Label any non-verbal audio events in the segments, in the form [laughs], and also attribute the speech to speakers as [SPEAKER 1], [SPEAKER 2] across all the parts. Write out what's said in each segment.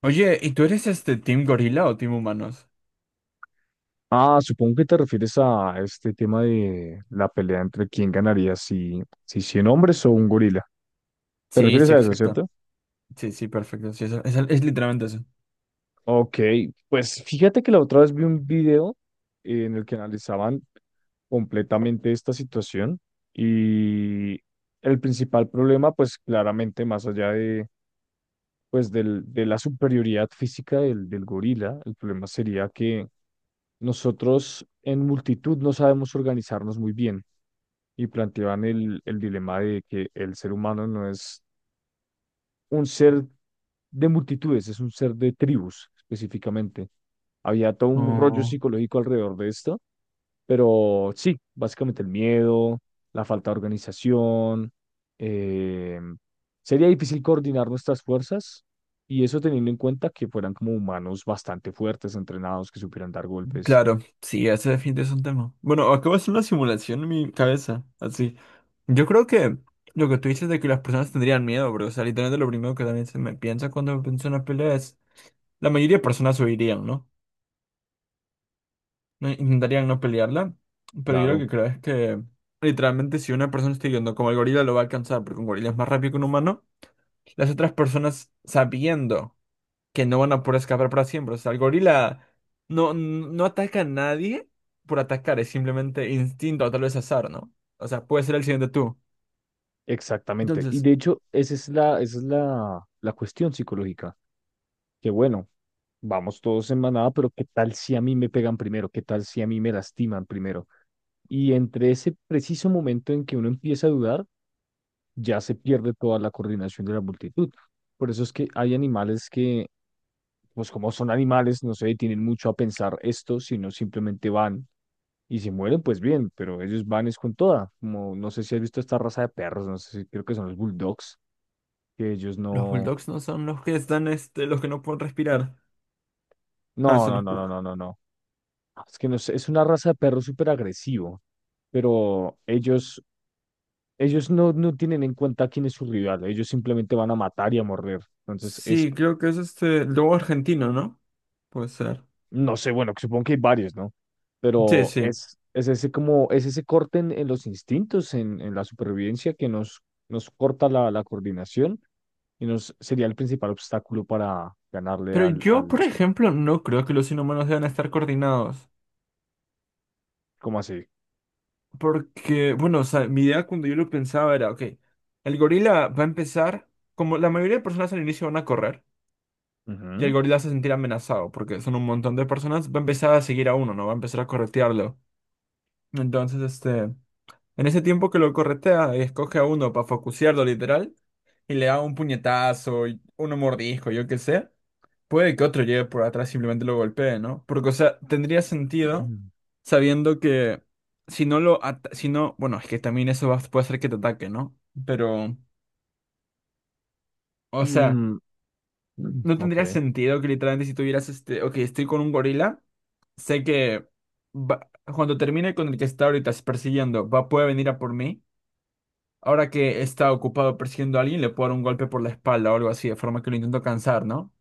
[SPEAKER 1] Oye, ¿y tú eres este Team Gorila o Team Humanos?
[SPEAKER 2] Supongo que te refieres a este tema de la pelea entre quién ganaría, si 100 hombres o un gorila. ¿Te
[SPEAKER 1] Sí,
[SPEAKER 2] refieres
[SPEAKER 1] sí,
[SPEAKER 2] a eso,
[SPEAKER 1] exacto.
[SPEAKER 2] cierto?
[SPEAKER 1] Sí, sí, perfecto. Sí, es literalmente eso.
[SPEAKER 2] Ok, pues fíjate que la otra vez vi un video en el que analizaban completamente esta situación y el principal problema, pues claramente más allá de, pues, de la superioridad física del gorila, el problema sería que nosotros en multitud no sabemos organizarnos muy bien. Y planteaban el dilema de que el ser humano no es un ser de multitudes, es un ser de tribus específicamente. Había todo un rollo
[SPEAKER 1] Oh,
[SPEAKER 2] psicológico alrededor de esto, pero sí, básicamente el miedo, la falta de organización, eh, sería difícil coordinar nuestras fuerzas, y eso teniendo en cuenta que fueran como humanos bastante fuertes, entrenados, que supieran dar golpes,
[SPEAKER 1] claro, sí, ese definitivamente es un tema. Bueno, acabo de hacer una simulación en mi cabeza, así. Yo creo que lo que tú dices de que las personas tendrían miedo, bro. O sea, literalmente lo primero que también se me piensa cuando pienso en una pelea es, la mayoría de personas huirían, ¿no? Intentarían no pelearla, pero yo lo
[SPEAKER 2] claro.
[SPEAKER 1] que creo es que literalmente si una persona está yendo como el gorila lo va a alcanzar, porque un gorila es más rápido que un humano. Las otras personas sabiendo que no van a poder escapar para siempre. O sea, el gorila no, no ataca a nadie por atacar, es simplemente instinto o tal vez azar, ¿no? O sea, puede ser el siguiente tú.
[SPEAKER 2] Exactamente. Y
[SPEAKER 1] Entonces,
[SPEAKER 2] de hecho, esa es la cuestión psicológica. Que bueno, vamos todos en manada, pero ¿qué tal si a mí me pegan primero? ¿Qué tal si a mí me lastiman primero? Y entre ese preciso momento en que uno empieza a dudar, ya se pierde toda la coordinación de la multitud. Por eso es que hay animales que, pues como son animales, no se detienen mucho a pensar esto, sino simplemente van, y si mueren, pues bien, pero ellos van es con toda. Como no sé si has visto esta raza de perros, no sé si creo que son los bulldogs, que ellos
[SPEAKER 1] los
[SPEAKER 2] no.
[SPEAKER 1] bulldogs no son los que están, los que no pueden respirar. Ah,
[SPEAKER 2] No,
[SPEAKER 1] son
[SPEAKER 2] no,
[SPEAKER 1] los
[SPEAKER 2] no, no,
[SPEAKER 1] pug.
[SPEAKER 2] no, no, no. Es que no sé, es una raza de perro súper agresivo, pero ellos no, no tienen en cuenta quién es su rival, ellos simplemente van a matar y a morder. Entonces,
[SPEAKER 1] Sí, creo que es este lobo argentino, ¿no? Puede ser.
[SPEAKER 2] no sé, bueno, supongo que hay varios, ¿no?
[SPEAKER 1] Sí,
[SPEAKER 2] Pero
[SPEAKER 1] sí.
[SPEAKER 2] es ese como, es ese corte en los instintos, en la supervivencia que nos, nos corta la coordinación, y nos sería el principal obstáculo para ganarle
[SPEAKER 1] Pero yo,
[SPEAKER 2] al...
[SPEAKER 1] por ejemplo, no creo que los inhumanos deban estar coordinados.
[SPEAKER 2] ¿cómo así?
[SPEAKER 1] Porque, bueno, o sea, mi idea cuando yo lo pensaba era, ok, el gorila va a empezar, como la mayoría de personas al inicio van a correr, y el
[SPEAKER 2] Ujú.
[SPEAKER 1] gorila se va a sentir amenazado, porque son un montón de personas, va a empezar a seguir a uno, ¿no? Va a empezar a corretearlo. Entonces, en ese tiempo que lo corretea, escoge a uno para focusearlo, literal, y le da un puñetazo, y uno mordisco, yo qué sé. Puede que otro llegue por atrás y simplemente lo golpee, ¿no? Porque, o sea, tendría sentido
[SPEAKER 2] [clears throat]
[SPEAKER 1] sabiendo que si no lo... Si no, bueno, es que también eso puede hacer que te ataque, ¿no? Pero, o sea,
[SPEAKER 2] Mm,
[SPEAKER 1] no
[SPEAKER 2] ok.
[SPEAKER 1] tendría sentido que literalmente si tuvieras Ok, estoy con un gorila, sé que va- cuando termine con el que está ahorita persiguiendo, va, puede venir a por mí. Ahora que está ocupado persiguiendo a alguien, le puedo dar un golpe por la espalda o algo así, de forma que lo intento cansar, ¿no?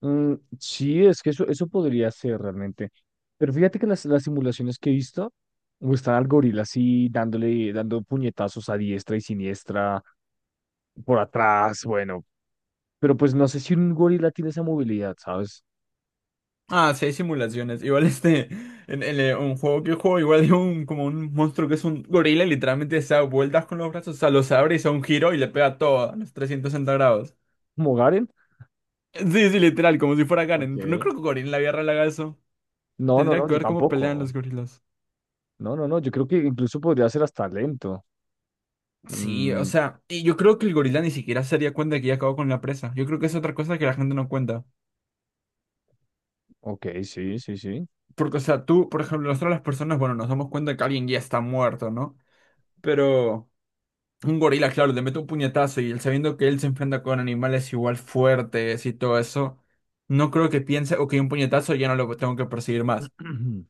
[SPEAKER 2] Mm, sí, es que eso podría ser realmente. Pero fíjate que las simulaciones que he visto muestran al gorila así dándole, dando puñetazos a diestra y siniestra por atrás, bueno, pero pues no sé si un gorila tiene esa movilidad, ¿sabes?
[SPEAKER 1] Ah, sí, hay simulaciones. Igual [laughs] un juego que juego, igual hay un, como un monstruo que es un gorila y literalmente se da vueltas con los brazos, o sea, los abre y se da un giro y le pega todo a los 360 grados.
[SPEAKER 2] ¿Como Garen?
[SPEAKER 1] Sí, sí, literal, como si fuera Karen. Pero no
[SPEAKER 2] Ok.
[SPEAKER 1] creo que Gorila en la guerra le haga eso.
[SPEAKER 2] No, no,
[SPEAKER 1] Tendría
[SPEAKER 2] no,
[SPEAKER 1] que
[SPEAKER 2] yo
[SPEAKER 1] ver cómo pelean
[SPEAKER 2] tampoco.
[SPEAKER 1] los gorilas.
[SPEAKER 2] No, no, no, yo creo que incluso podría ser hasta lento.
[SPEAKER 1] Sí, o
[SPEAKER 2] Mm,
[SPEAKER 1] sea, y yo creo que el gorila ni siquiera se daría cuenta de que ya acabó con la presa. Yo creo que es otra cosa que la gente no cuenta.
[SPEAKER 2] ok, sí, sí, sí.
[SPEAKER 1] Porque, o sea, tú, por ejemplo, nosotros las personas, bueno, nos damos cuenta que alguien ya está muerto, ¿no? Pero... Un gorila, claro, le mete un puñetazo y él sabiendo que él se enfrenta con animales igual fuertes y todo eso, no creo que piense, ok, un puñetazo ya no lo tengo que perseguir más.
[SPEAKER 2] [clears throat]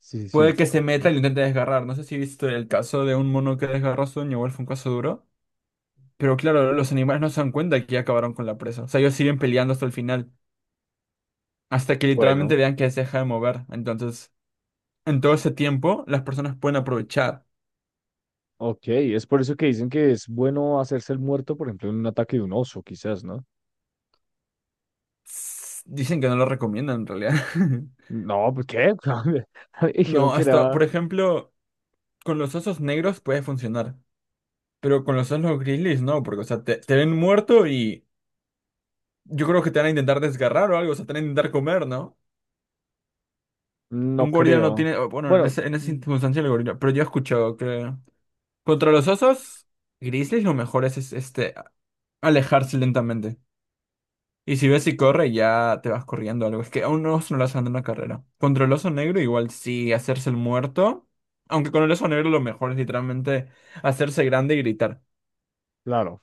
[SPEAKER 2] Sí, sí, sí,
[SPEAKER 1] Puede que se
[SPEAKER 2] ok.
[SPEAKER 1] meta y lo intente desgarrar. No sé si viste el caso de un mono que desgarró a su dueño, igual fue un caso duro. Pero claro, los animales no se dan cuenta que ya acabaron con la presa. O sea, ellos siguen peleando hasta el final, hasta que literalmente
[SPEAKER 2] Bueno,
[SPEAKER 1] vean que se deja de mover. Entonces, en todo ese tiempo, las personas pueden aprovechar.
[SPEAKER 2] ok, es por eso que dicen que es bueno hacerse el muerto, por ejemplo, en un ataque de un oso, quizás, ¿no?
[SPEAKER 1] Dicen que no lo recomiendan en realidad. [laughs]
[SPEAKER 2] No, ¿por qué? [laughs] A mí me dijeron
[SPEAKER 1] No,
[SPEAKER 2] que
[SPEAKER 1] hasta,
[SPEAKER 2] era,
[SPEAKER 1] por ejemplo. Con los osos negros puede funcionar, pero con los osos grizzlies no, porque, o sea, te ven muerto y yo creo que te van a intentar desgarrar o algo, o sea, te van a intentar comer, ¿no? Un
[SPEAKER 2] no
[SPEAKER 1] gorila no
[SPEAKER 2] creo.
[SPEAKER 1] tiene, o, bueno,
[SPEAKER 2] Bueno,
[SPEAKER 1] en esa
[SPEAKER 2] mm,
[SPEAKER 1] circunstancia el gorila, pero yo he escuchado que contra los osos grizzlies lo mejor es alejarse lentamente. Y si ves si corre, ya te vas corriendo o algo. Es que a un oso no le hacen una carrera. Contra el oso negro, igual sí, hacerse el muerto. Aunque con el oso negro lo mejor es literalmente hacerse grande y gritar.
[SPEAKER 2] claro,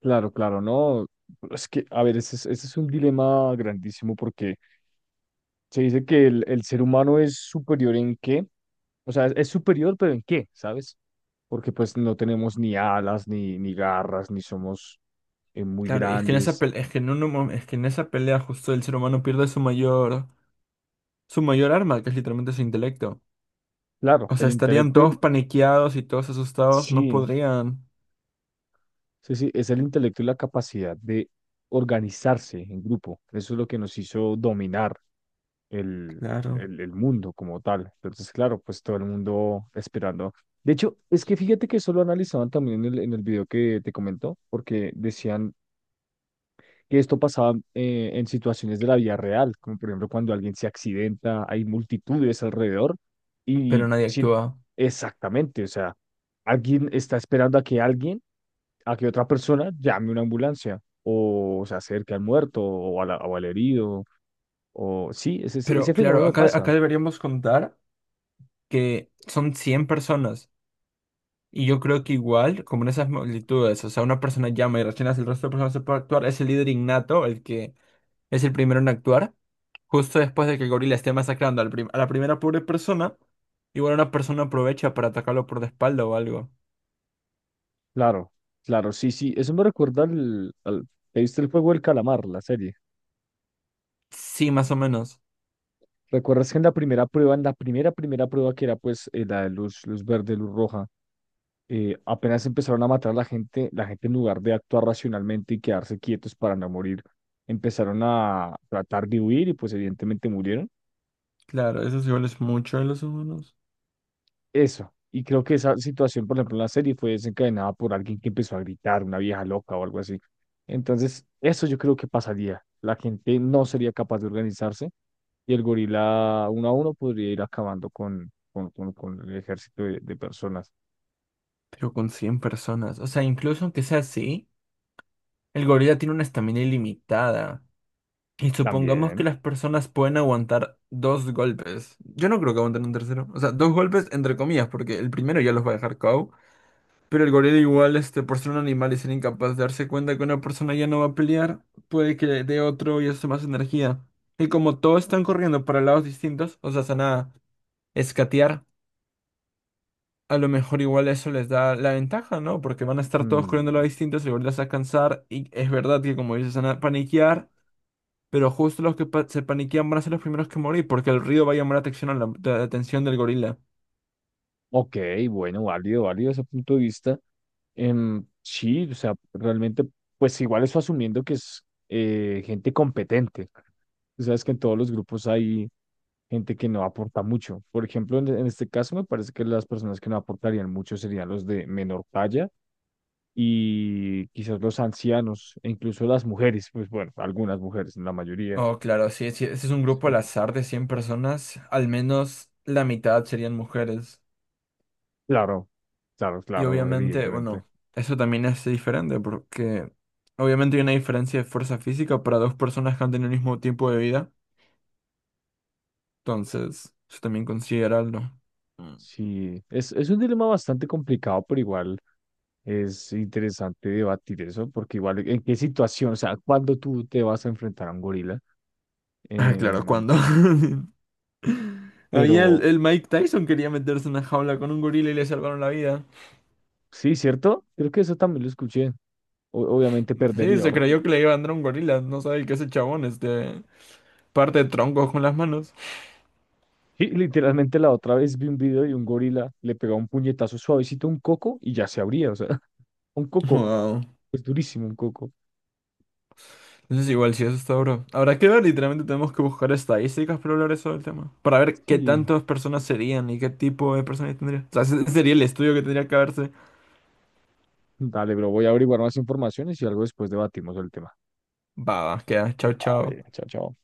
[SPEAKER 2] claro, claro, no. Es que, a ver, ese es un dilema grandísimo porque se dice que el ser humano es superior en qué, o sea, es superior, pero en qué, ¿sabes? Porque pues no tenemos ni alas, ni, ni garras, ni somos muy
[SPEAKER 1] Claro, y es que en esa
[SPEAKER 2] grandes.
[SPEAKER 1] pelea, es que en esa pelea justo el ser humano pierde su mayor arma, que es literalmente su intelecto.
[SPEAKER 2] Claro,
[SPEAKER 1] O sea,
[SPEAKER 2] el
[SPEAKER 1] estarían
[SPEAKER 2] intelecto,
[SPEAKER 1] todos
[SPEAKER 2] el-
[SPEAKER 1] paniqueados y todos asustados, no
[SPEAKER 2] sí,
[SPEAKER 1] podrían,
[SPEAKER 2] sí, sí, es el intelecto y la capacidad de organizarse en grupo. Eso es lo que nos hizo dominar el,
[SPEAKER 1] Claro.
[SPEAKER 2] el mundo como tal. Entonces, claro, pues todo el mundo esperando. De hecho, es que fíjate que eso lo analizaban también en el video que te comento porque decían que esto pasaba en situaciones de la vida real, como por ejemplo cuando alguien se accidenta, hay multitudes alrededor
[SPEAKER 1] Pero
[SPEAKER 2] y
[SPEAKER 1] nadie
[SPEAKER 2] sí,
[SPEAKER 1] actúa.
[SPEAKER 2] exactamente, o sea, alguien está esperando a que alguien, a que otra persona llame una ambulancia o se acerque al muerto o, a la- o al herido. O sí, ese,
[SPEAKER 1] Pero
[SPEAKER 2] ese
[SPEAKER 1] claro,
[SPEAKER 2] fenómeno
[SPEAKER 1] acá,
[SPEAKER 2] pasa.
[SPEAKER 1] acá deberíamos contar que son 100 personas. Y yo creo que igual, como en esas multitudes, o sea, una persona llama y rechina, el resto de personas no se puede actuar, es el líder innato, el que es el primero en actuar. Justo después de que el gorila esté masacrando a la primera pobre persona, igual una persona aprovecha para atacarlo por la espalda o algo.
[SPEAKER 2] Claro, claro, sí, sí. Eso me recuerda al, al... ¿Te viste el juego del calamar, la serie?
[SPEAKER 1] Sí, más o menos.
[SPEAKER 2] ¿Recuerdas que en la primera prueba, en la primera, primera prueba que era pues la de luz, luz verde, luz roja, apenas empezaron a matar a la gente en lugar de actuar racionalmente y quedarse quietos para no morir, empezaron a tratar de huir y pues evidentemente murieron.
[SPEAKER 1] Claro, eso igual es mucho de los humanos.
[SPEAKER 2] Eso. Y creo que esa situación, por ejemplo, en la serie fue desencadenada por alguien que empezó a gritar, una vieja loca o algo así. Entonces, eso yo creo que pasaría. La gente no sería capaz de organizarse y el gorila uno a uno podría ir acabando con el ejército de personas.
[SPEAKER 1] Pero con 100 personas. O sea, incluso aunque sea así, el gorila tiene una estamina ilimitada. Y supongamos que
[SPEAKER 2] También.
[SPEAKER 1] las personas pueden aguantar dos golpes. Yo no creo que aguanten un tercero. O sea, dos golpes entre comillas, porque el primero ya los va a dejar KO. Pero el gorila igual, por ser un animal y ser incapaz de darse cuenta que una persona ya no va a pelear, puede que le dé otro y eso más energía. Y como todos están corriendo para lados distintos, o sea, se van a escatear, a lo mejor igual eso les da la ventaja, ¿no? Porque van a estar todos corriendo a
[SPEAKER 2] Mm,
[SPEAKER 1] lados distintos, el gorila se va a cansar y es verdad que como dices, se van a paniquear, pero justo los que se paniquean van a ser los primeros que morir porque el río va a llamar la atención, a la atención del gorila.
[SPEAKER 2] ok, bueno, válido, válido ese punto de vista. Em, sí, o sea, realmente, pues igual eso asumiendo que es gente competente. Tú sabes que en todos los grupos hay gente que no aporta mucho. Por ejemplo, en este caso me parece que las personas que no aportarían mucho serían los de menor talla y quizás los ancianos e incluso las mujeres, pues bueno, algunas mujeres, la mayoría.
[SPEAKER 1] Oh, claro, sí, sí, ese es un grupo al
[SPEAKER 2] Sí,
[SPEAKER 1] azar de 100 personas, al menos la mitad serían mujeres.
[SPEAKER 2] claro, claro,
[SPEAKER 1] Y
[SPEAKER 2] claro,
[SPEAKER 1] obviamente,
[SPEAKER 2] evidentemente.
[SPEAKER 1] bueno, eso también es diferente porque obviamente hay una diferencia de fuerza física para dos personas que han tenido el mismo tiempo de vida. Entonces, eso también considerarlo. Mm.
[SPEAKER 2] Sí, es un dilema bastante complicado, pero igual es interesante debatir eso, porque igual en qué situación, o sea, cuando tú te vas a enfrentar a un gorila,
[SPEAKER 1] Ah, claro,
[SPEAKER 2] em,
[SPEAKER 1] cuando [laughs] había el,
[SPEAKER 2] pero
[SPEAKER 1] el Mike Tyson quería meterse en una jaula con un gorila y le salvaron la vida.
[SPEAKER 2] sí, ¿cierto? Creo que eso también lo escuché. O- obviamente
[SPEAKER 1] Sí,
[SPEAKER 2] perdería,
[SPEAKER 1] se
[SPEAKER 2] horrible.
[SPEAKER 1] creyó que le iba a andar un gorila, no sabe que ese chabón parte troncos con las manos.
[SPEAKER 2] Sí, literalmente la otra vez vi un video de un gorila, le pegaba un puñetazo suavecito a un coco y ya se abría, o sea, [laughs] un coco,
[SPEAKER 1] Wow.
[SPEAKER 2] es durísimo un coco.
[SPEAKER 1] Entonces igual si eso está duro. Habrá que ver, literalmente tenemos que buscar estadísticas para hablar eso del tema. Para ver qué
[SPEAKER 2] Sí,
[SPEAKER 1] tantas personas serían y qué tipo de personas tendría. O sea, ese sería el estudio que tendría que haberse.
[SPEAKER 2] dale, bro, voy a averiguar más informaciones y algo después debatimos el tema.
[SPEAKER 1] Va, va, queda. Chao, chao.
[SPEAKER 2] Vale, chao, chao.